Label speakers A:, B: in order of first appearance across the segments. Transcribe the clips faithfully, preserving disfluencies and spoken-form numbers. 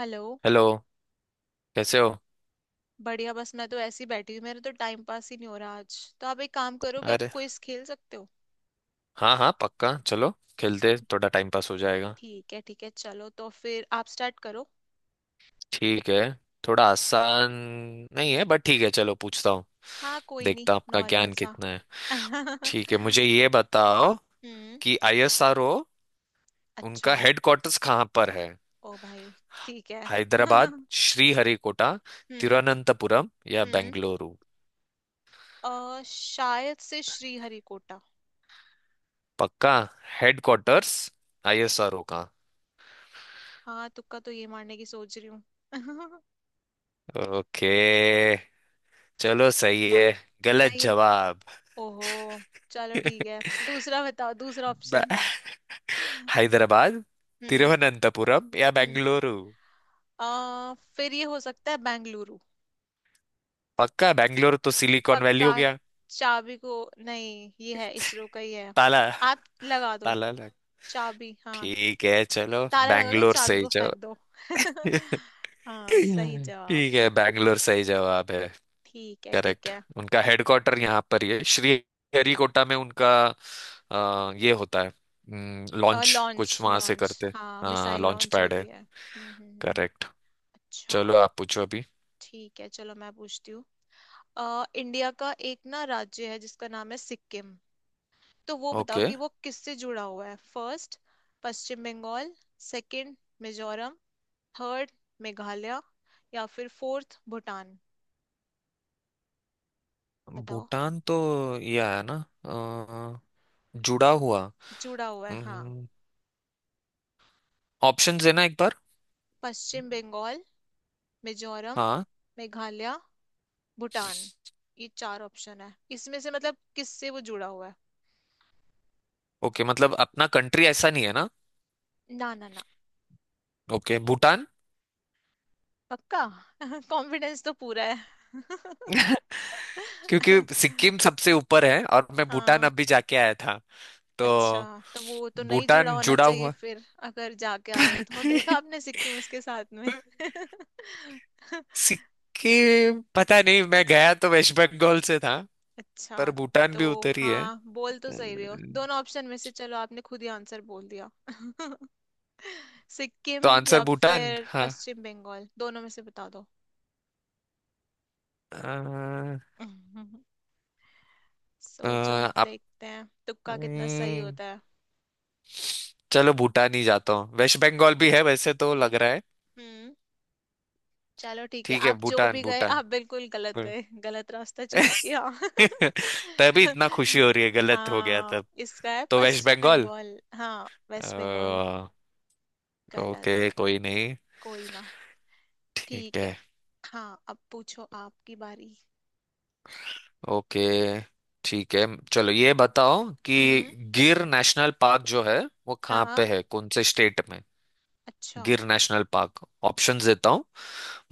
A: Hello.
B: Hello. कैसे हो?
A: बढ़िया, बस मैं तो ऐसी बैठी हूँ, मेरा तो टाइम पास ही नहीं हो रहा आज। तो आप एक काम करो कि आप
B: अरे
A: क्विज खेल सकते हो।
B: हाँ हाँ, पक्का। चलो, खेलते थोड़ा टाइम पास हो जाएगा।
A: ठीक है, ठीक है, चलो तो फिर आप स्टार्ट करो।
B: ठीक है। थोड़ा आसान नहीं है बट ठीक है, चलो पूछता हूँ।
A: हाँ, कोई नहीं,
B: देखता हूँ आपका
A: नॉर्मल
B: ज्ञान
A: सा।
B: कितना है।
A: हम्म।
B: ठीक है, मुझे ये बताओ कि आईएसआरओ,
A: अच्छा।
B: उनका हेडक्वार्टर्स कहाँ पर है?
A: ओ भाई। ठीक है।
B: हैदराबाद,
A: हम्म,
B: श्रीहरिकोटा, तिरुवनंतपुरम या
A: हम्म।
B: बेंगलुरु?
A: अ शायद से श्रीहरिकोटा।
B: पक्का? हेडक्वार्टर्स आईएसआरओ का।
A: हाँ, तुक्का तो ये मारने की सोच रही हूँ।
B: ओके, चलो। सही
A: बा
B: है? गलत
A: सही है।
B: जवाब।
A: ओहो, चलो ठीक है। दूसरा बताओ, दूसरा ऑप्शन।
B: हैदराबाद, तिरुवनंतपुरम या
A: हम्म।
B: बेंगलुरु?
A: आ, फिर ये हो सकता है बेंगलुरु।
B: पक्का? बेंगलुरु तो सिलिकॉन वैली
A: पक्का।
B: हो गया।
A: चाबी को नहीं, ये है इसरो का ही है।
B: ताला।
A: आप लगा दो।
B: ताला लग।
A: चाबी, हाँ।
B: ठीक है, चलो,
A: ताला लगा के
B: बेंगलोर
A: चाबी
B: सही
A: को
B: जवाब।
A: फेंक दो। हाँ, सही जवाब।
B: ठीक है, बेंगलोर सही जवाब है।
A: ठीक है, ठीक
B: करेक्ट।
A: है।
B: उनका हेडक्वार्टर यहाँ पर ही है, श्री हरिकोटा में उनका। अ, ये होता है लॉन्च, कुछ
A: लॉन्च
B: वहां से
A: लॉन्च,
B: करते।
A: हाँ
B: हाँ,
A: मिसाइल
B: लॉन्च
A: लॉन्च
B: पैड है।
A: होती है। हम्म, हम्म, हम्म।
B: करेक्ट। चलो,
A: अच्छा।
B: आप पूछो अभी।
A: ठीक है, चलो मैं पूछती हूँ। अ, इंडिया का एक ना राज्य है जिसका नाम है सिक्किम। तो वो बताओ
B: ओके।
A: कि वो किससे जुड़ा हुआ है। First, Paschim Bengal. Second, Mizoram. Third, Meghalaya. या फिर फोर्थ, भूटान। बताओ।
B: भूटान तो ये आया ना, अ, जुड़ा हुआ।
A: जुड़ा हुआ है, हाँ।
B: हम्म ऑप्शन देना एक बार।
A: पश्चिम बंगाल, मिजोरम,
B: हाँ।
A: मेघालय, भूटान, ये चार ऑप्शन है इसमें से, मतलब किससे वो जुड़ा हुआ है।
B: ओके, मतलब अपना कंट्री ऐसा नहीं है ना?
A: ना, ना, ना।
B: ओके, भूटान।
A: पक्का। कॉन्फिडेंस तो पूरा है।
B: क्योंकि सिक्किम सबसे ऊपर है और मैं भूटान
A: हाँ।
B: अभी जाके आया था, तो
A: अच्छा। तो वो तो नहीं जुड़ा
B: भूटान
A: होना
B: जुड़ा
A: चाहिए
B: हुआ।
A: फिर, अगर जाके आए हो तो देखा आपने सिक्किम उसके साथ में।
B: सिक्किम पता नहीं, मैं गया तो वेस्ट बंगाल से था।
A: अच्छा।
B: पर भूटान
A: तो
B: भी उतर ही है।
A: हाँ, बोल तो सही रहे हो,
B: अम्म,
A: दोनों ऑप्शन में से चलो आपने खुद ही आंसर बोल दिया। सिक्किम
B: तो आंसर
A: या
B: भूटान
A: फिर
B: हाँ।
A: पश्चिम बंगाल, दोनों में से बता दो।
B: अ, अ,
A: सोचो,
B: आप
A: देखते हैं तुक्का कितना सही
B: अम्म,
A: होता है।
B: चलो भूटान ही जाता हूँ, वेस्ट बंगाल भी है वैसे तो लग रहा है।
A: हम्म, चलो ठीक है।
B: ठीक है,
A: आप जो
B: भूटान।
A: भी गए,
B: भूटान।
A: आप बिल्कुल गलत गए, गलत रास्ता चूज किया।
B: तभी इतना खुशी हो रही है, गलत हो गया
A: हाँ,
B: तब।
A: इसका है
B: तो वेस्ट
A: पश्चिम
B: बंगाल।
A: बंगाल, हाँ वेस्ट बंगाल।
B: अ,
A: गलत।
B: ओके, कोई नहीं।
A: कोई ना।
B: ठीक
A: ठीक
B: है।
A: है। हाँ, अब पूछो, आपकी बारी।
B: ओके, ठीक है, चलो ये बताओ कि
A: हम्म।
B: गिर नेशनल पार्क जो है वो कहाँ पे
A: हाँ।
B: है, कौन से स्टेट में?
A: अच्छा।
B: गिर नेशनल पार्क, ऑप्शंस देता हूँ।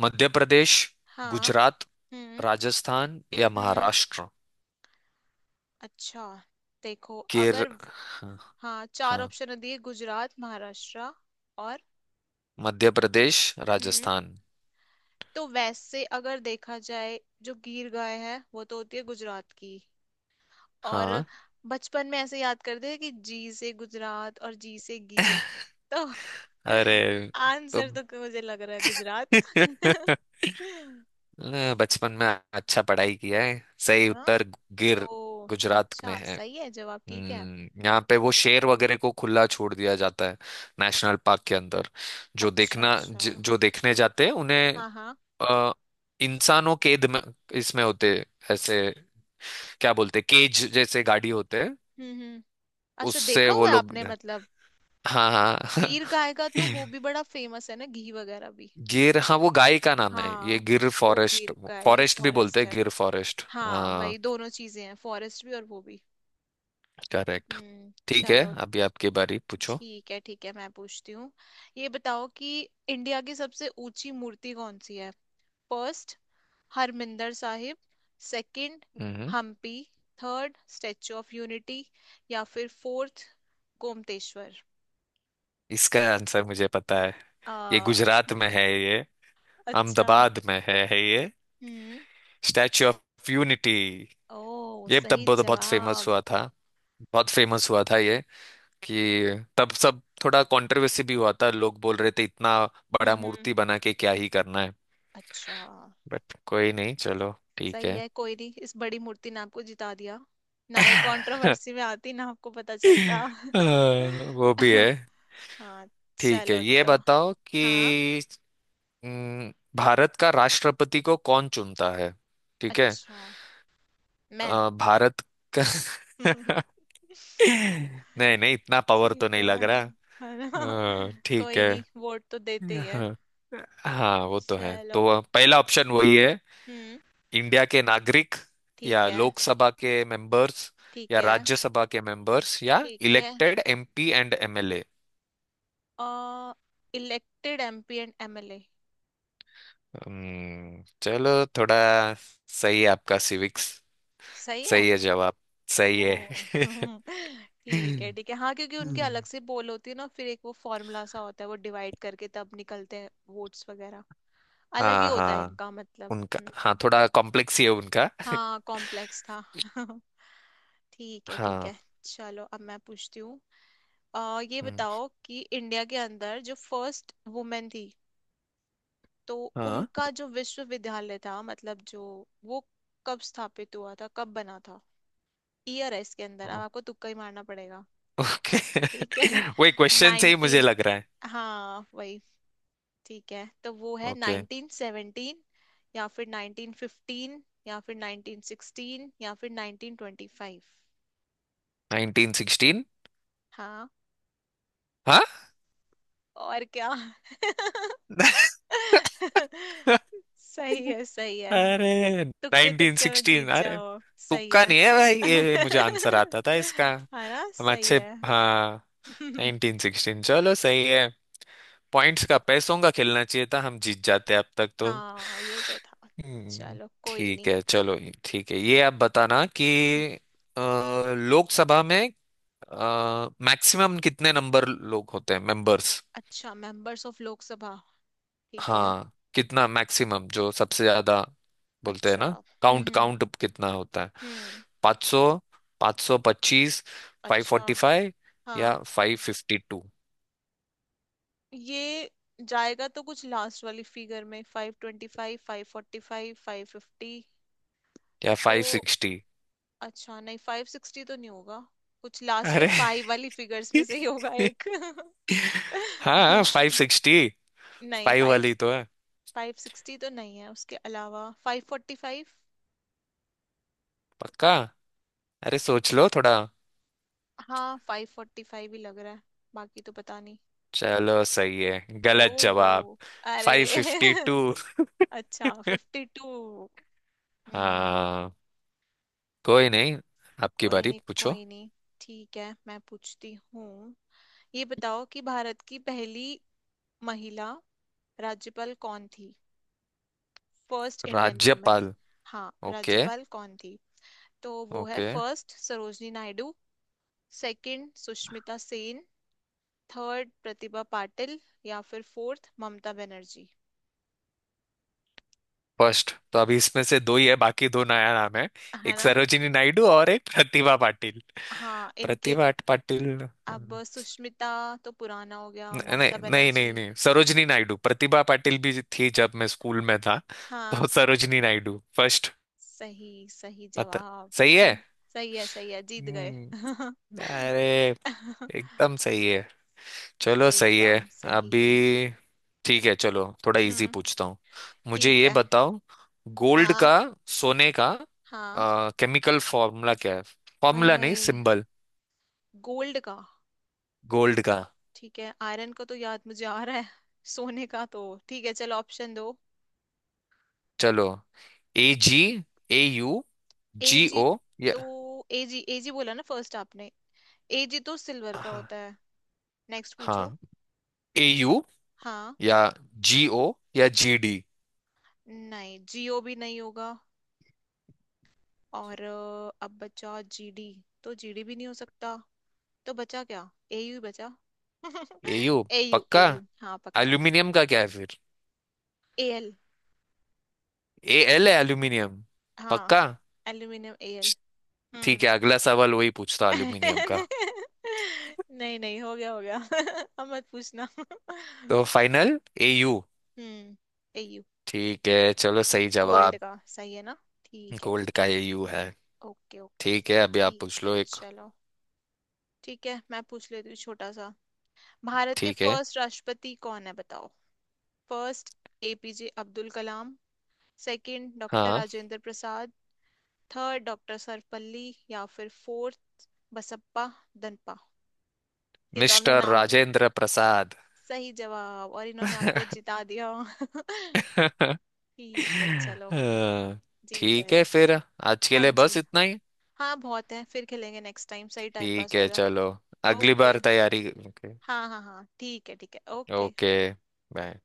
B: मध्य प्रदेश,
A: हाँ।
B: गुजरात,
A: हम्म,
B: राजस्थान या
A: हम्म।
B: महाराष्ट्र?
A: अच्छा। देखो
B: गिर,
A: अगर,
B: हाँ।
A: हाँ, चार
B: हाँ,
A: ऑप्शन दिए: गुजरात, महाराष्ट्र और,
B: मध्य प्रदेश,
A: हम्म,
B: राजस्थान।
A: तो वैसे अगर देखा जाए, जो गीर गाय है वो तो होती है गुजरात की। और
B: हाँ,
A: बचपन में ऐसे याद करते हैं कि जी से गुजरात और जी से गीर। तो
B: अरे, तो
A: आंसर तो मुझे लग रहा है गुजरात। है
B: अ, बचपन में अच्छा पढ़ाई किया है। सही
A: ना।
B: उत्तर।
A: तो
B: गिर गुजरात में
A: अच्छा,
B: है।
A: सही है जवाब। ठीक है।
B: हम्म, यहाँ पे वो शेर वगैरह को खुला छोड़ दिया जाता है, नेशनल पार्क के अंदर। जो
A: अच्छा,
B: देखना,
A: अच्छा।
B: ज, जो देखने जाते हैं उन्हें।
A: हाँ, हाँ।
B: अ, इंसानों केद में इसमें होते हैं, ऐसे, क्या बोलते हैं, केज जैसे गाड़ी होते हैं।
A: हम्म, हम्म। अच्छा,
B: उससे
A: देखा
B: वो
A: हुआ है
B: लोग।
A: आपने मतलब।
B: हाँ हाँ।
A: गीर गाय का तो वो भी बड़ा फेमस है ना, घी वगैरह भी।
B: गिर, हाँ, वो गाय का नाम है, ये
A: हाँ,
B: गिर
A: वो
B: फॉरेस्ट।
A: गीर का है, ये
B: फॉरेस्ट भी बोलते
A: फॉरेस्ट
B: हैं,
A: है।
B: गिर फॉरेस्ट।
A: हाँ,
B: हाँ,
A: वही दोनों चीजें हैं, फॉरेस्ट भी और वो भी।
B: करेक्ट।
A: हम्म,
B: ठीक है,
A: चलो।
B: अभी आपकी बारी, पूछो।
A: ठीक है, ठीक है, मैं पूछती हूँ। ये बताओ कि इंडिया की सबसे ऊंची मूर्ति कौन सी है। फर्स्ट, हरमिंदर साहिब। सेकंड,
B: हम्म
A: Hampi. Third, Statue of Unity. या फिर फोर्थ, गोमतेश्वर।
B: इसका आंसर मुझे पता है। ये
A: आ,
B: गुजरात में है, ये
A: अच्छा।
B: अहमदाबाद में है है ये।
A: हम्म।
B: Statue of Unity.
A: ओ,
B: ये तब
A: सही
B: बहुत बहुत फेमस
A: जवाब।
B: हुआ था, बहुत फेमस हुआ था ये। कि तब सब थोड़ा कंट्रोवर्सी भी हुआ था, लोग बोल रहे थे इतना
A: हम्म,
B: बड़ा
A: हम्म।
B: मूर्ति बना के क्या ही करना है।
A: अच्छा।
B: बट कोई नहीं, चलो ठीक
A: सही
B: है।
A: है, कोई नहीं, इस बड़ी मूर्ति ने आपको जिता दिया। ना ये कंट्रोवर्सी में आती, ना आपको पता चलता।
B: अ, वो भी है।
A: हाँ।
B: ठीक है,
A: चलो
B: ये
A: तो,
B: बताओ
A: हाँ,
B: कि हम्म, भारत का राष्ट्रपति को कौन चुनता है? ठीक है।
A: अच्छा। मैं।
B: अ, भारत का। नहीं नहीं, इतना पावर तो
A: ठीक
B: नहीं लग
A: है। है ना।
B: रहा। अ, ठीक
A: कोई
B: है।
A: नहीं, वोट तो देते ही है।
B: हाँ। हाँ, वो तो है,
A: चलो।
B: तो पहला ऑप्शन वही है।
A: हम्म।
B: इंडिया के नागरिक,
A: ठीक
B: या
A: है,
B: लोकसभा के मेंबर्स,
A: ठीक
B: या
A: है,
B: राज्यसभा के मेंबर्स, या
A: ठीक है।
B: Elected MP and MLA?
A: अ elected M P and M L A.
B: हम्म चलो, थोड़ा सही है आपका सिविक्स।
A: सही है।
B: सही है जवाब। सही
A: ओ,
B: है।
A: ठीक है, ठीक है। हाँ, क्योंकि उनके अलग
B: हम्म
A: से पोल होती है ना, फिर एक वो फॉर्मूला सा होता है, वो डिवाइड करके तब निकलते हैं। वोट्स वगैरह अलग ही
B: हाँ
A: होता है
B: हाँ,
A: इनका मतलब।
B: उनका। हाँ,
A: हम्म।
B: थोड़ा कॉम्प्लेक्स ही है उनका।
A: हाँ, कॉम्प्लेक्स था। ठीक है, ठीक
B: हाँ।
A: है। चलो अब मैं पूछती हूँ। अ, ये
B: हम्म,
A: बताओ कि इंडिया के अंदर जो फर्स्ट वुमेन थी, तो
B: हाँ,
A: उनका जो विश्वविद्यालय था, मतलब जो वो कब स्थापित हुआ था, कब बना था। ईयर है इसके अंदर, अब आपको तुक्का ही मारना पड़ेगा।
B: ओके।
A: ठीक है।
B: वही क्वेश्चन से ही मुझे
A: नाइनटीन,
B: लग रहा है।
A: हाँ वही। ठीक है, तो वो है
B: ओके,
A: नाइनटीन सेवनटीन, या फिर नाइनटीन फिफ्टीन, या फिर नाइनटीन सिक्सटीन, या फिर nineteen twenty five.
B: Nineteen sixteen.
A: हाँ,
B: हाँ।
A: और क्या। सही है, सही है।
B: अरे,
A: तुक्के तुक्के में
B: नाइनटीन सिक्सटीन।
A: जीत
B: अरे,
A: जाओ। सही
B: तुक्का
A: है।
B: नहीं है भाई, ये मुझे आंसर आता था इसका।
A: है ना,
B: हम
A: सही
B: अच्छे।
A: है।
B: हाँ, उन्नीस सौ सोलह। चलो, सही है। पॉइंट्स का, पैसों का खेलना चाहिए था, हम जीत जाते अब तक तो।
A: हाँ, ये तो था।
B: हम्म,
A: चलो, कोई
B: ठीक
A: नहीं।
B: है, चलो ये- ठीक है, ये आप बताना कि अ, लोकसभा में मैक्सिमम कितने नंबर लोग होते हैं, मेंबर्स?
A: अच्छा, मेंबर्स ऑफ लोकसभा। ठीक है।
B: हाँ, कितना मैक्सिमम जो सबसे ज्यादा बोलते हैं
A: अच्छा।
B: ना,
A: हम्म,
B: काउंट
A: हम्म,
B: काउंट कितना होता है?
A: हम्म।
B: पाँच सौ, पाँच सौ पच्चीस,
A: अच्छा।
B: फाइव फोर्टी फाइव या
A: हाँ,
B: फाइव फिफ्टी टू
A: ये जाएगा तो कुछ लास्ट वाली फिगर में, five twenty five, five forty five, five fifty.
B: या
A: तो
B: फाइव सिक्सटी?
A: अच्छा, नहीं, फाइव सिक्सटी तो नहीं होगा। कुछ लास्ट में
B: अरे!
A: फाइव वाली फिगर्स में से ही होगा एक।
B: हाँ, फाइव सिक्सटी,
A: नहीं
B: फाइव
A: फाइव,
B: वाली तो है।
A: फाइव सिक्सटी तो नहीं है, उसके अलावा फाइव फोर्टी फाइव।
B: पक्का? अरे, सोच लो थोड़ा।
A: हाँ, फाइव फोर्टी फाइव ही लग रहा है। बाकी तो पता नहीं।
B: चलो, सही है? गलत जवाब।
A: ओ, अरे।
B: Five fifty to.
A: अच्छा, फिफ्टी टू।
B: हाँ, कोई नहीं। आपकी
A: कोई
B: बारी,
A: नहीं,
B: पूछो।
A: कोई नहीं। ठीक है, मैं पूछती हूँ। ये बताओ कि भारत की पहली महिला राज्यपाल कौन थी। First Indian women.
B: राज्यपाल।
A: हाँ,
B: ओके।
A: राज्यपाल कौन थी। तो वो है,
B: okay.
A: First, Sarojini Naidu. Second, Sushmita Sen. Third, Pratibha Patil. या फिर फोर्थ, ममता बनर्जी।
B: फर्स्ट तो अभी इसमें से दो ही है, बाकी दो नया नाम है।
A: है
B: एक
A: ना।
B: सरोजिनी नायडू और एक प्रतिभा पाटिल।
A: हाँ, इनके,
B: प्रतिभा पाटिल न-
A: अब सुष्मिता तो पुराना हो गया,
B: नहीं
A: ममता
B: नहीं नहीं
A: बनर्जी।
B: नहीं, सरोजिनी नायडू, प्रतिभा पाटिल भी थी जब मैं स्कूल में था। तो
A: हाँ,
B: सरोजिनी नायडू फर्स्ट।
A: सही, सही
B: पता।
A: जवाब।
B: सही है।
A: हम्म, सही है, सही है, जीत गए।
B: हम्म, अरे, एकदम सही है। चलो, सही है।
A: एकदम सही।
B: अभी ठीक है, चलो थोड़ा इजी
A: हम्म।
B: पूछता हूँ। मुझे
A: ठीक
B: ये
A: है।
B: बताओ, गोल्ड
A: हाँ,
B: का, सोने का
A: हाँ।
B: केमिकल फॉर्मूला क्या है?
A: हाय
B: फॉर्मूला नहीं,
A: हाय,
B: सिंबल।
A: गोल्ड का।
B: गोल्ड का।
A: ठीक है, आयरन का तो याद मुझे आ रहा है, सोने का तो। ठीक है, चलो ऑप्शन दो।
B: चलो, A G, A U,
A: A
B: G
A: G.
B: O या
A: तो ए जी, ए जी बोला ना फर्स्ट आपने। ए जी तो सिल्वर का
B: हाँ।
A: होता है। नेक्स्ट पूछो।
B: हाँ, ए यू
A: हाँ।
B: या जी ओ या जी डी।
A: नहीं, जियो भी नहीं होगा। और अ, अब बचा जी डी, तो जी डी भी नहीं हो सकता। तो बचा क्या, ए यू बचा।
B: ए यू।
A: ए यू,
B: पक्का?
A: ए यू, हाँ पक्का।
B: एल्यूमिनियम का क्या है फिर?
A: एल।
B: ए एल है एल्यूमिनियम।
A: हाँ,
B: पक्का।
A: Aluminium L.
B: ठीक
A: हम्म।
B: है, अगला सवाल वही पूछता हूँ, एल्यूमिनियम का।
A: नहीं, नहीं, हो गया, हो गया। अब मत पूछना।
B: तो final A U.
A: Hmm. A you.
B: ठीक है, चलो, सही
A: कोल्ड
B: जवाब।
A: का सही है ना। ठीक है, ठीक
B: गोल्ड
A: है,
B: का ए यू है।
A: Okay, okay.
B: ठीक है, अभी आप पूछ
A: ठीक है,
B: लो एक।
A: चलो। ठीक है, मैं पूछ लेती हूँ छोटा सा। भारत के
B: ठीक है।
A: फर्स्ट राष्ट्रपति कौन है, बताओ। First, A P J Abdul Kalam. Second, doctor
B: हाँ,
A: राजेंद्र प्रसाद। Third, doctor Sarvepalli. या फिर फोर्थ, बसप्पा दनपा। ये तो हमने
B: मिस्टर
A: नाम,
B: राजेंद्र प्रसाद।
A: सही जवाब, और इन्होंने आपको जिता दिया।
B: हाँ।
A: ठीक है, चलो जीत
B: ठीक
A: गए।
B: है, फिर आज के
A: हाँ
B: लिए
A: जी।
B: बस इतना ही।
A: हाँ, बहुत है, फिर खेलेंगे नेक्स्ट टाइम, सही टाइम पास
B: ठीक
A: हो
B: है,
A: गया।
B: चलो, अगली बार
A: ओके।
B: तैयारी। ओके।
A: हाँ, हाँ, हाँ, ठीक है, ठीक है, ओके।
B: Okay, bye.